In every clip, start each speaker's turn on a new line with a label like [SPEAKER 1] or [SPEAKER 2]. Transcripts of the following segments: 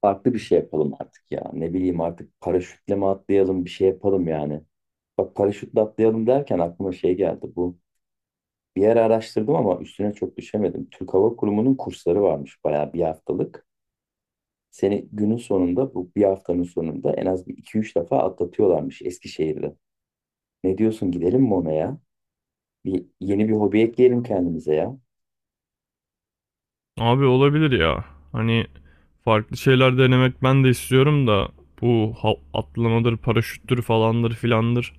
[SPEAKER 1] Farklı bir şey yapalım artık ya. Ne bileyim artık paraşütle mi atlayalım bir şey yapalım yani. Bak paraşütle atlayalım derken aklıma şey geldi bu. Bir yer araştırdım ama üstüne çok düşemedim. Türk Hava Kurumu'nun kursları varmış bayağı bir haftalık. Seni günün sonunda bu bir haftanın sonunda en az bir iki üç defa atlatıyorlarmış Eskişehir'de. Ne diyorsun gidelim mi ona ya? Bir, yeni bir hobi ekleyelim kendimize ya.
[SPEAKER 2] Abi olabilir ya. Hani farklı şeyler denemek ben de istiyorum da atlamadır, paraşüttür falandır filandır.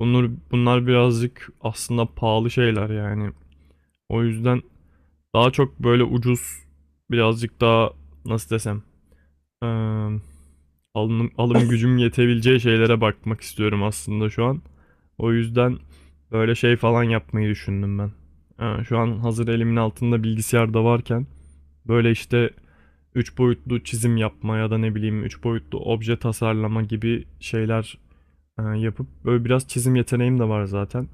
[SPEAKER 2] Bunlar birazcık aslında pahalı şeyler yani. O yüzden daha çok böyle ucuz, birazcık daha nasıl desem eee, alım gücüm yetebileceği şeylere bakmak istiyorum aslında şu an. O yüzden böyle şey falan yapmayı düşündüm ben. Şu an hazır elimin altında bilgisayarda varken böyle işte 3 boyutlu çizim yapma ya da ne bileyim 3 boyutlu obje tasarlama gibi şeyler yapıp böyle biraz çizim yeteneğim de var zaten.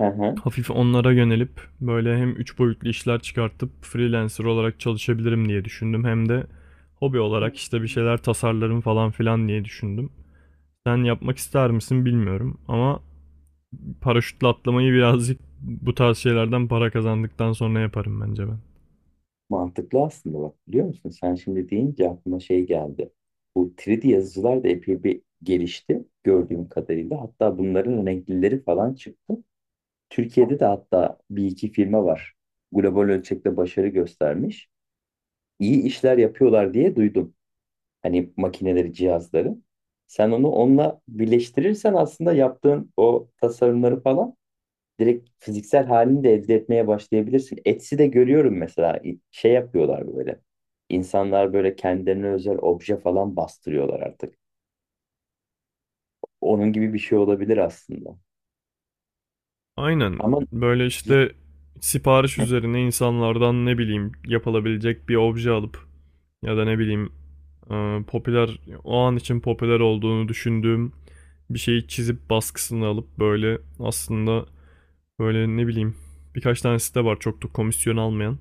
[SPEAKER 1] Hı hı.
[SPEAKER 2] Hafif onlara yönelip böyle hem 3 boyutlu işler çıkartıp freelancer olarak çalışabilirim diye düşündüm. Hem de hobi olarak işte bir şeyler tasarlarım falan filan diye düşündüm. Sen yapmak ister misin bilmiyorum ama paraşütle atlamayı birazcık bu tarz şeylerden para kazandıktan sonra yaparım bence ben.
[SPEAKER 1] Mantıklı aslında bak biliyor musun? Sen şimdi deyince aklıma şey geldi. Bu 3D yazıcılar da epey bir gelişti gördüğüm kadarıyla. Hatta bunların renklileri falan çıktı. Türkiye'de de hatta bir iki firma var. Global ölçekte başarı göstermiş. İyi işler yapıyorlar diye duydum. Hani makineleri, cihazları. Sen onu onunla birleştirirsen aslında yaptığın o tasarımları falan direkt fiziksel halini de elde etmeye başlayabilirsin. Etsy'de görüyorum mesela şey yapıyorlar böyle. İnsanlar böyle kendilerine özel obje falan bastırıyorlar artık. Onun gibi bir şey olabilir aslında.
[SPEAKER 2] Aynen.
[SPEAKER 1] Ama
[SPEAKER 2] Böyle işte sipariş üzerine insanlardan ne bileyim yapılabilecek bir obje alıp ya da ne bileyim popüler o an için popüler olduğunu düşündüğüm bir şeyi çizip baskısını alıp böyle aslında böyle ne bileyim birkaç tane site var çok da komisyon almayan.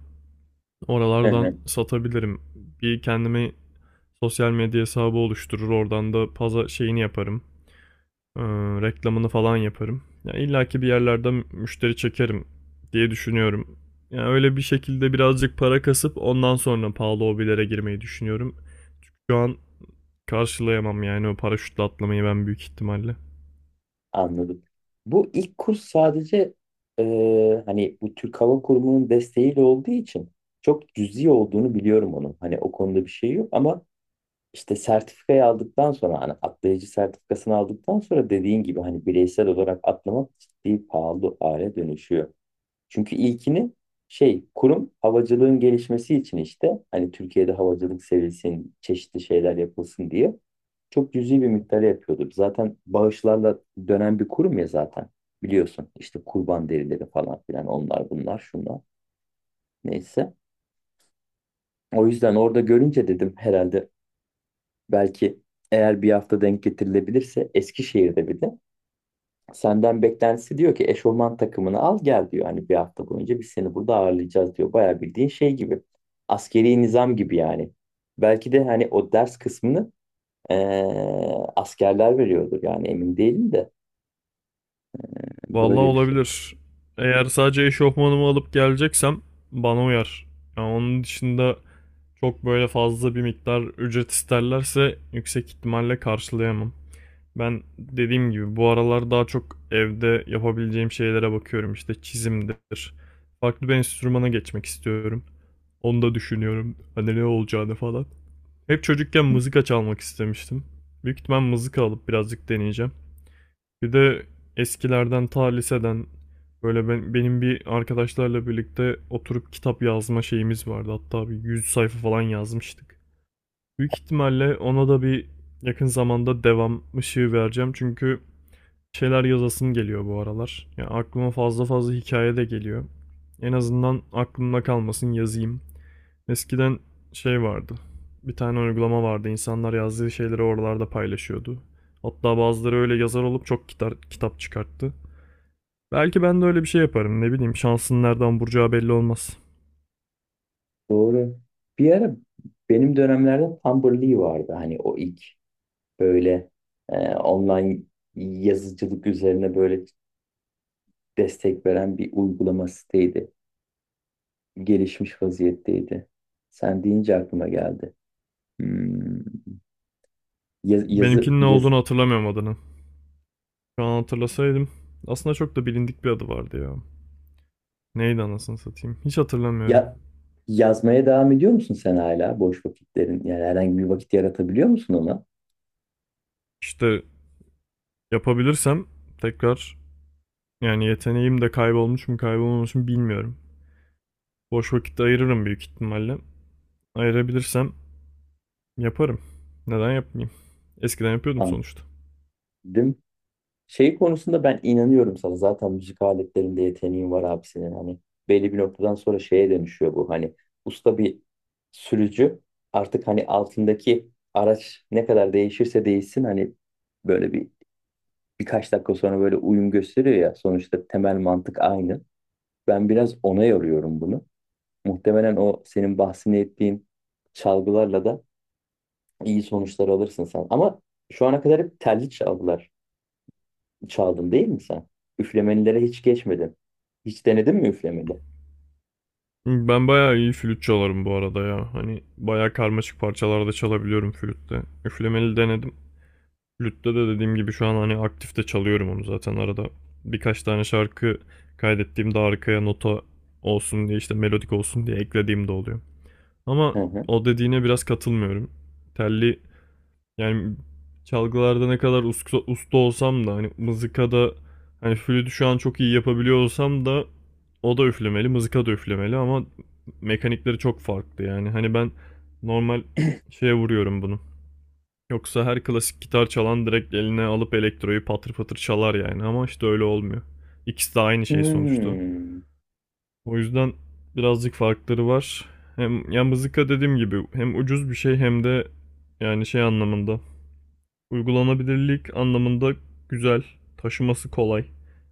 [SPEAKER 2] Oralardan satabilirim. Bir kendime sosyal medya hesabı oluşturur oradan da pazar şeyini yaparım. Ee, Reklamını falan yaparım. Ya İlla ki bir yerlerde müşteri çekerim diye düşünüyorum. Yani öyle bir şekilde birazcık para kasıp ondan sonra pahalı hobilere girmeyi düşünüyorum. Çünkü şu an karşılayamam yani o paraşütle atlamayı ben büyük ihtimalle.
[SPEAKER 1] anladım. Bu ilk kurs sadece e, hani bu Türk Hava Kurumu'nun desteğiyle olduğu için çok cüzi olduğunu biliyorum onun. Hani o konuda bir şey yok ama İşte sertifikayı aldıktan sonra hani atlayıcı sertifikasını aldıktan sonra dediğin gibi hani bireysel olarak atlamak ciddi pahalı hale dönüşüyor. Çünkü ilkini şey kurum havacılığın gelişmesi için işte hani Türkiye'de havacılık sevilsin, çeşitli şeyler yapılsın diye çok cüzi bir miktarı yapıyordu. Zaten bağışlarla dönen bir kurum ya zaten biliyorsun işte kurban derileri falan filan onlar bunlar şunlar neyse. O yüzden orada görünce dedim herhalde belki eğer bir hafta denk getirilebilirse Eskişehir'de bir de senden beklentisi diyor ki eşofman takımını al gel diyor. Hani bir hafta boyunca biz seni burada ağırlayacağız diyor. Bayağı bildiğin şey gibi. Askeri nizam gibi yani. Belki de hani o ders kısmını askerler veriyordur yani emin değilim de yani
[SPEAKER 2] Vallahi
[SPEAKER 1] böyle bir şey.
[SPEAKER 2] olabilir. Eğer sadece eşofmanımı alıp geleceksem bana uyar. Yani onun dışında çok böyle fazla bir miktar ücret isterlerse yüksek ihtimalle karşılayamam. Ben dediğim gibi bu aralar daha çok evde yapabileceğim şeylere bakıyorum. İşte çizimdir. Farklı bir enstrümana geçmek istiyorum. Onu da düşünüyorum. Hani ne olacağını falan. Hep çocukken mızıka çalmak istemiştim. Büyük ihtimal mızıka alıp birazcık deneyeceğim. Bir de eskilerden ta liseden benim bir arkadaşlarla birlikte oturup kitap yazma şeyimiz vardı. Hatta bir 100 sayfa falan yazmıştık. Büyük ihtimalle ona da bir yakın zamanda devam ışığı vereceğim. Çünkü şeyler yazasım geliyor bu aralar. Ya aklıma fazla fazla hikaye de geliyor. En azından aklımda kalmasın yazayım. Eskiden şey vardı. Bir tane uygulama vardı. İnsanlar yazdığı şeyleri oralarda paylaşıyordu. Hatta bazıları öyle yazar olup çok kitap çıkarttı. Belki ben de öyle bir şey yaparım. Ne bileyim şansın nereden vuracağı belli olmaz.
[SPEAKER 1] Doğru. Bir ara benim dönemlerde Tumblr Lee vardı. Hani o ilk böyle online yazıcılık üzerine böyle destek veren bir uygulama siteydi. Gelişmiş vaziyetteydi. Sen deyince aklıma geldi. Hmm, yazı
[SPEAKER 2] Benimkinin ne
[SPEAKER 1] yaz
[SPEAKER 2] olduğunu hatırlamıyorum adını. Şu an hatırlasaydım. Aslında çok da bilindik bir adı vardı ya. Neydi anasını satayım. Hiç hatırlamıyorum.
[SPEAKER 1] ya yazmaya devam ediyor musun sen hala boş vakitlerin? Yani herhangi bir vakit yaratabiliyor musun ona?
[SPEAKER 2] İşte yapabilirsem tekrar, yani yeteneğim de kaybolmuş mu kaybolmamış mı bilmiyorum. Boş vakit ayırırım büyük ihtimalle. Ayırabilirsem yaparım. Neden yapmayayım? Eskiden yapıyordum sonuçta.
[SPEAKER 1] Anladım. Şey konusunda ben inanıyorum sana. Zaten müzik aletlerinde yeteneğin var abi senin. Hani belli bir noktadan sonra şeye dönüşüyor bu. Hani usta bir sürücü artık hani altındaki araç ne kadar değişirse değişsin hani böyle bir birkaç dakika sonra böyle uyum gösteriyor ya. Sonuçta temel mantık aynı. Ben biraz ona yoruyorum bunu. Muhtemelen o senin bahsini ettiğin çalgılarla da iyi sonuçlar alırsın sen. Ama şu ana kadar hep telli çalgılar çaldın değil mi sen? Üflemelilere hiç geçmedin. Hiç denedin mi üflemeli?
[SPEAKER 2] Ben bayağı iyi flüt çalarım bu arada ya. Hani bayağı karmaşık parçalarda çalabiliyorum flütte. Üflemeli denedim. Flütte de dediğim gibi şu an hani aktifte çalıyorum onu zaten arada. Birkaç tane şarkı kaydettiğimde arkaya nota olsun diye işte melodik olsun diye eklediğim de oluyor. Ama
[SPEAKER 1] Hı hı.
[SPEAKER 2] o dediğine biraz katılmıyorum. Telli, yani çalgılarda ne kadar usta olsam da hani mızıkada, hani flütü şu an çok iyi yapabiliyor olsam da, o da üflemeli, mızıka da üflemeli ama mekanikleri çok farklı yani. Hani ben normal şeye vuruyorum bunu. Yoksa her klasik gitar çalan direkt eline alıp elektroyu patır patır çalar yani ama işte öyle olmuyor. İkisi de aynı şey sonuçta.
[SPEAKER 1] Hmm.
[SPEAKER 2] O yüzden birazcık farkları var. Hem ya mızıka dediğim gibi hem ucuz bir şey hem de yani şey anlamında, uygulanabilirlik anlamında güzel, taşıması kolay.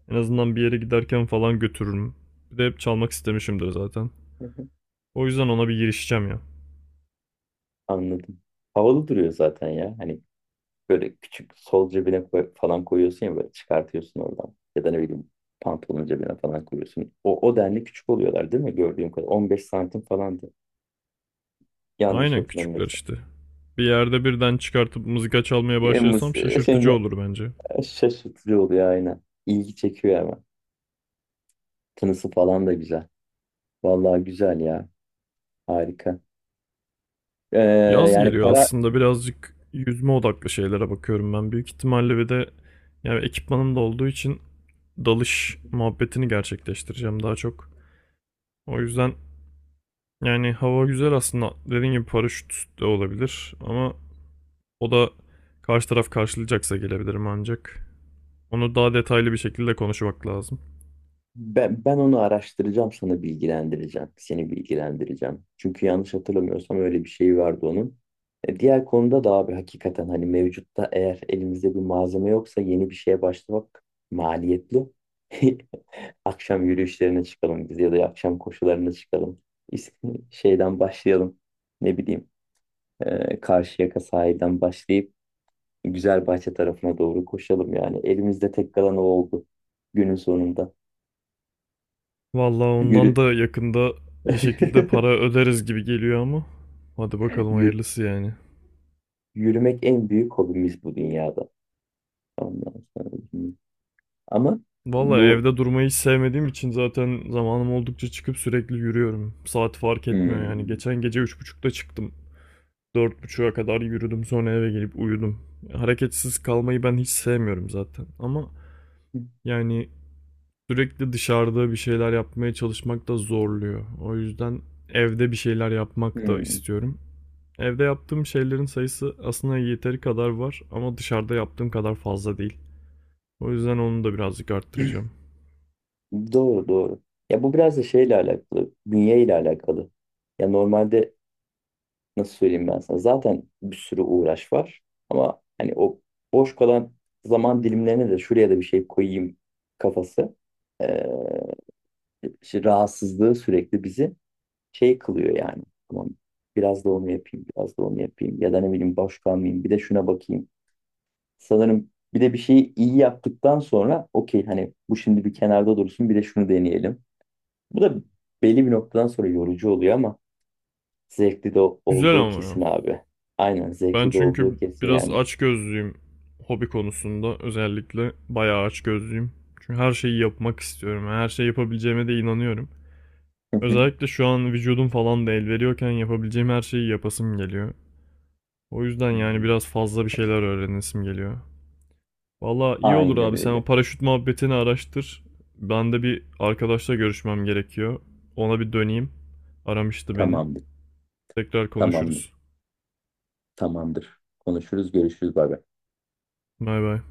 [SPEAKER 2] En azından bir yere giderken falan götürürüm. Bir de hep çalmak istemişimdir zaten.
[SPEAKER 1] Hı hı.
[SPEAKER 2] O yüzden ona bir girişeceğim ya.
[SPEAKER 1] Anladım. Havalı duruyor zaten ya. Hani böyle küçük sol cebine falan koyuyorsun ya böyle çıkartıyorsun oradan. Ya da ne bileyim pantolonun cebine falan koyuyorsun. O denli küçük oluyorlar değil mi gördüğüm kadar? 15 santim falandı. Yanlış
[SPEAKER 2] Aynen küçükler
[SPEAKER 1] hatırlamıyorsam.
[SPEAKER 2] işte. Bir yerde birden çıkartıp mızıka çalmaya
[SPEAKER 1] Yalnız
[SPEAKER 2] başlarsam şaşırtıcı
[SPEAKER 1] şeyince
[SPEAKER 2] olur bence.
[SPEAKER 1] şaşırtıcı oluyor aynen. İlgi çekiyor ama. Tınısı falan da güzel. Vallahi güzel ya. Harika. Ee,
[SPEAKER 2] Yaz
[SPEAKER 1] yani
[SPEAKER 2] geliyor
[SPEAKER 1] para
[SPEAKER 2] aslında birazcık yüzme odaklı şeylere bakıyorum ben. Büyük ihtimalle bir de yani ekipmanım da olduğu için dalış muhabbetini gerçekleştireceğim daha çok. O yüzden yani hava güzel aslında. Dediğim gibi paraşüt de olabilir ama o da karşı taraf karşılayacaksa gelebilirim ancak. Onu daha detaylı bir şekilde konuşmak lazım.
[SPEAKER 1] Ben onu araştıracağım sana bilgilendireceğim. Seni bilgilendireceğim. Çünkü yanlış hatırlamıyorsam öyle bir şey vardı onun. Diğer konuda da abi hakikaten hani mevcutta eğer elimizde bir malzeme yoksa yeni bir şeye başlamak maliyetli. Akşam yürüyüşlerine çıkalım biz ya da akşam koşularına çıkalım. İs- Şeyden başlayalım. Ne bileyim Karşıyaka sahilden başlayıp Güzelbahçe tarafına doğru koşalım yani. Elimizde tek kalan o oldu günün sonunda.
[SPEAKER 2] Vallahi
[SPEAKER 1] Yürü.
[SPEAKER 2] ondan da yakında bir şekilde para öderiz gibi geliyor ama. Hadi bakalım
[SPEAKER 1] Yü-
[SPEAKER 2] hayırlısı yani.
[SPEAKER 1] yürümek en büyük hobimiz bu dünyada. Ondan sonra hmm. ama
[SPEAKER 2] Vallahi
[SPEAKER 1] bu
[SPEAKER 2] evde durmayı hiç sevmediğim için zaten zamanım oldukça çıkıp sürekli yürüyorum. Saat fark etmiyor yani.
[SPEAKER 1] hmm,
[SPEAKER 2] Geçen gece 3.30'da çıktım. 4.30'a kadar yürüdüm sonra eve gelip uyudum. Hareketsiz kalmayı ben hiç sevmiyorum zaten ama yani sürekli dışarıda bir şeyler yapmaya çalışmak da zorluyor. O yüzden evde bir şeyler yapmak da
[SPEAKER 1] hmm,
[SPEAKER 2] istiyorum. Evde yaptığım şeylerin sayısı aslında yeteri kadar var ama dışarıda yaptığım kadar fazla değil. O yüzden onu da birazcık arttıracağım.
[SPEAKER 1] doğru doğru. Ya bu biraz da şeyle alakalı, bünye ile alakalı. Ya normalde nasıl söyleyeyim ben sana? Zaten bir sürü uğraş var ama hani o boş kalan zaman dilimlerine de şuraya da bir şey koyayım kafası. Ee, işte rahatsızlığı sürekli bizi şey kılıyor yani. Tamam, biraz da onu yapayım, biraz da onu yapayım ya da ne bileyim boş kalmayayım, bir de şuna bakayım. Sanırım bir de bir şeyi iyi yaptıktan sonra okey hani bu şimdi bir kenarda dursun bir de şunu deneyelim. Bu da belli bir noktadan sonra yorucu oluyor ama zevkli de
[SPEAKER 2] Güzel
[SPEAKER 1] olduğu
[SPEAKER 2] ama ya.
[SPEAKER 1] kesin abi. Aynen
[SPEAKER 2] Ben
[SPEAKER 1] zevkli de olduğu
[SPEAKER 2] çünkü
[SPEAKER 1] kesin
[SPEAKER 2] biraz
[SPEAKER 1] yani.
[SPEAKER 2] açgözlüyüm hobi konusunda. Özellikle bayağı açgözlüyüm. Çünkü her şeyi yapmak istiyorum. Yani her şeyi yapabileceğime de inanıyorum.
[SPEAKER 1] Hı hı.
[SPEAKER 2] Özellikle şu an vücudum falan da el veriyorken yapabileceğim her şeyi yapasım geliyor. O yüzden
[SPEAKER 1] Hı
[SPEAKER 2] yani
[SPEAKER 1] hı.
[SPEAKER 2] biraz fazla bir şeyler öğrenesim geliyor. Valla iyi olur
[SPEAKER 1] Aynen
[SPEAKER 2] abi, sen o
[SPEAKER 1] öyle.
[SPEAKER 2] paraşüt muhabbetini araştır. Ben de bir arkadaşla görüşmem gerekiyor. Ona bir döneyim. Aramıştı beni.
[SPEAKER 1] Tamamdır.
[SPEAKER 2] Tekrar
[SPEAKER 1] Tamamdır.
[SPEAKER 2] konuşuruz.
[SPEAKER 1] Tamamdır. Konuşuruz, görüşürüz. Bay bay.
[SPEAKER 2] Bay bay.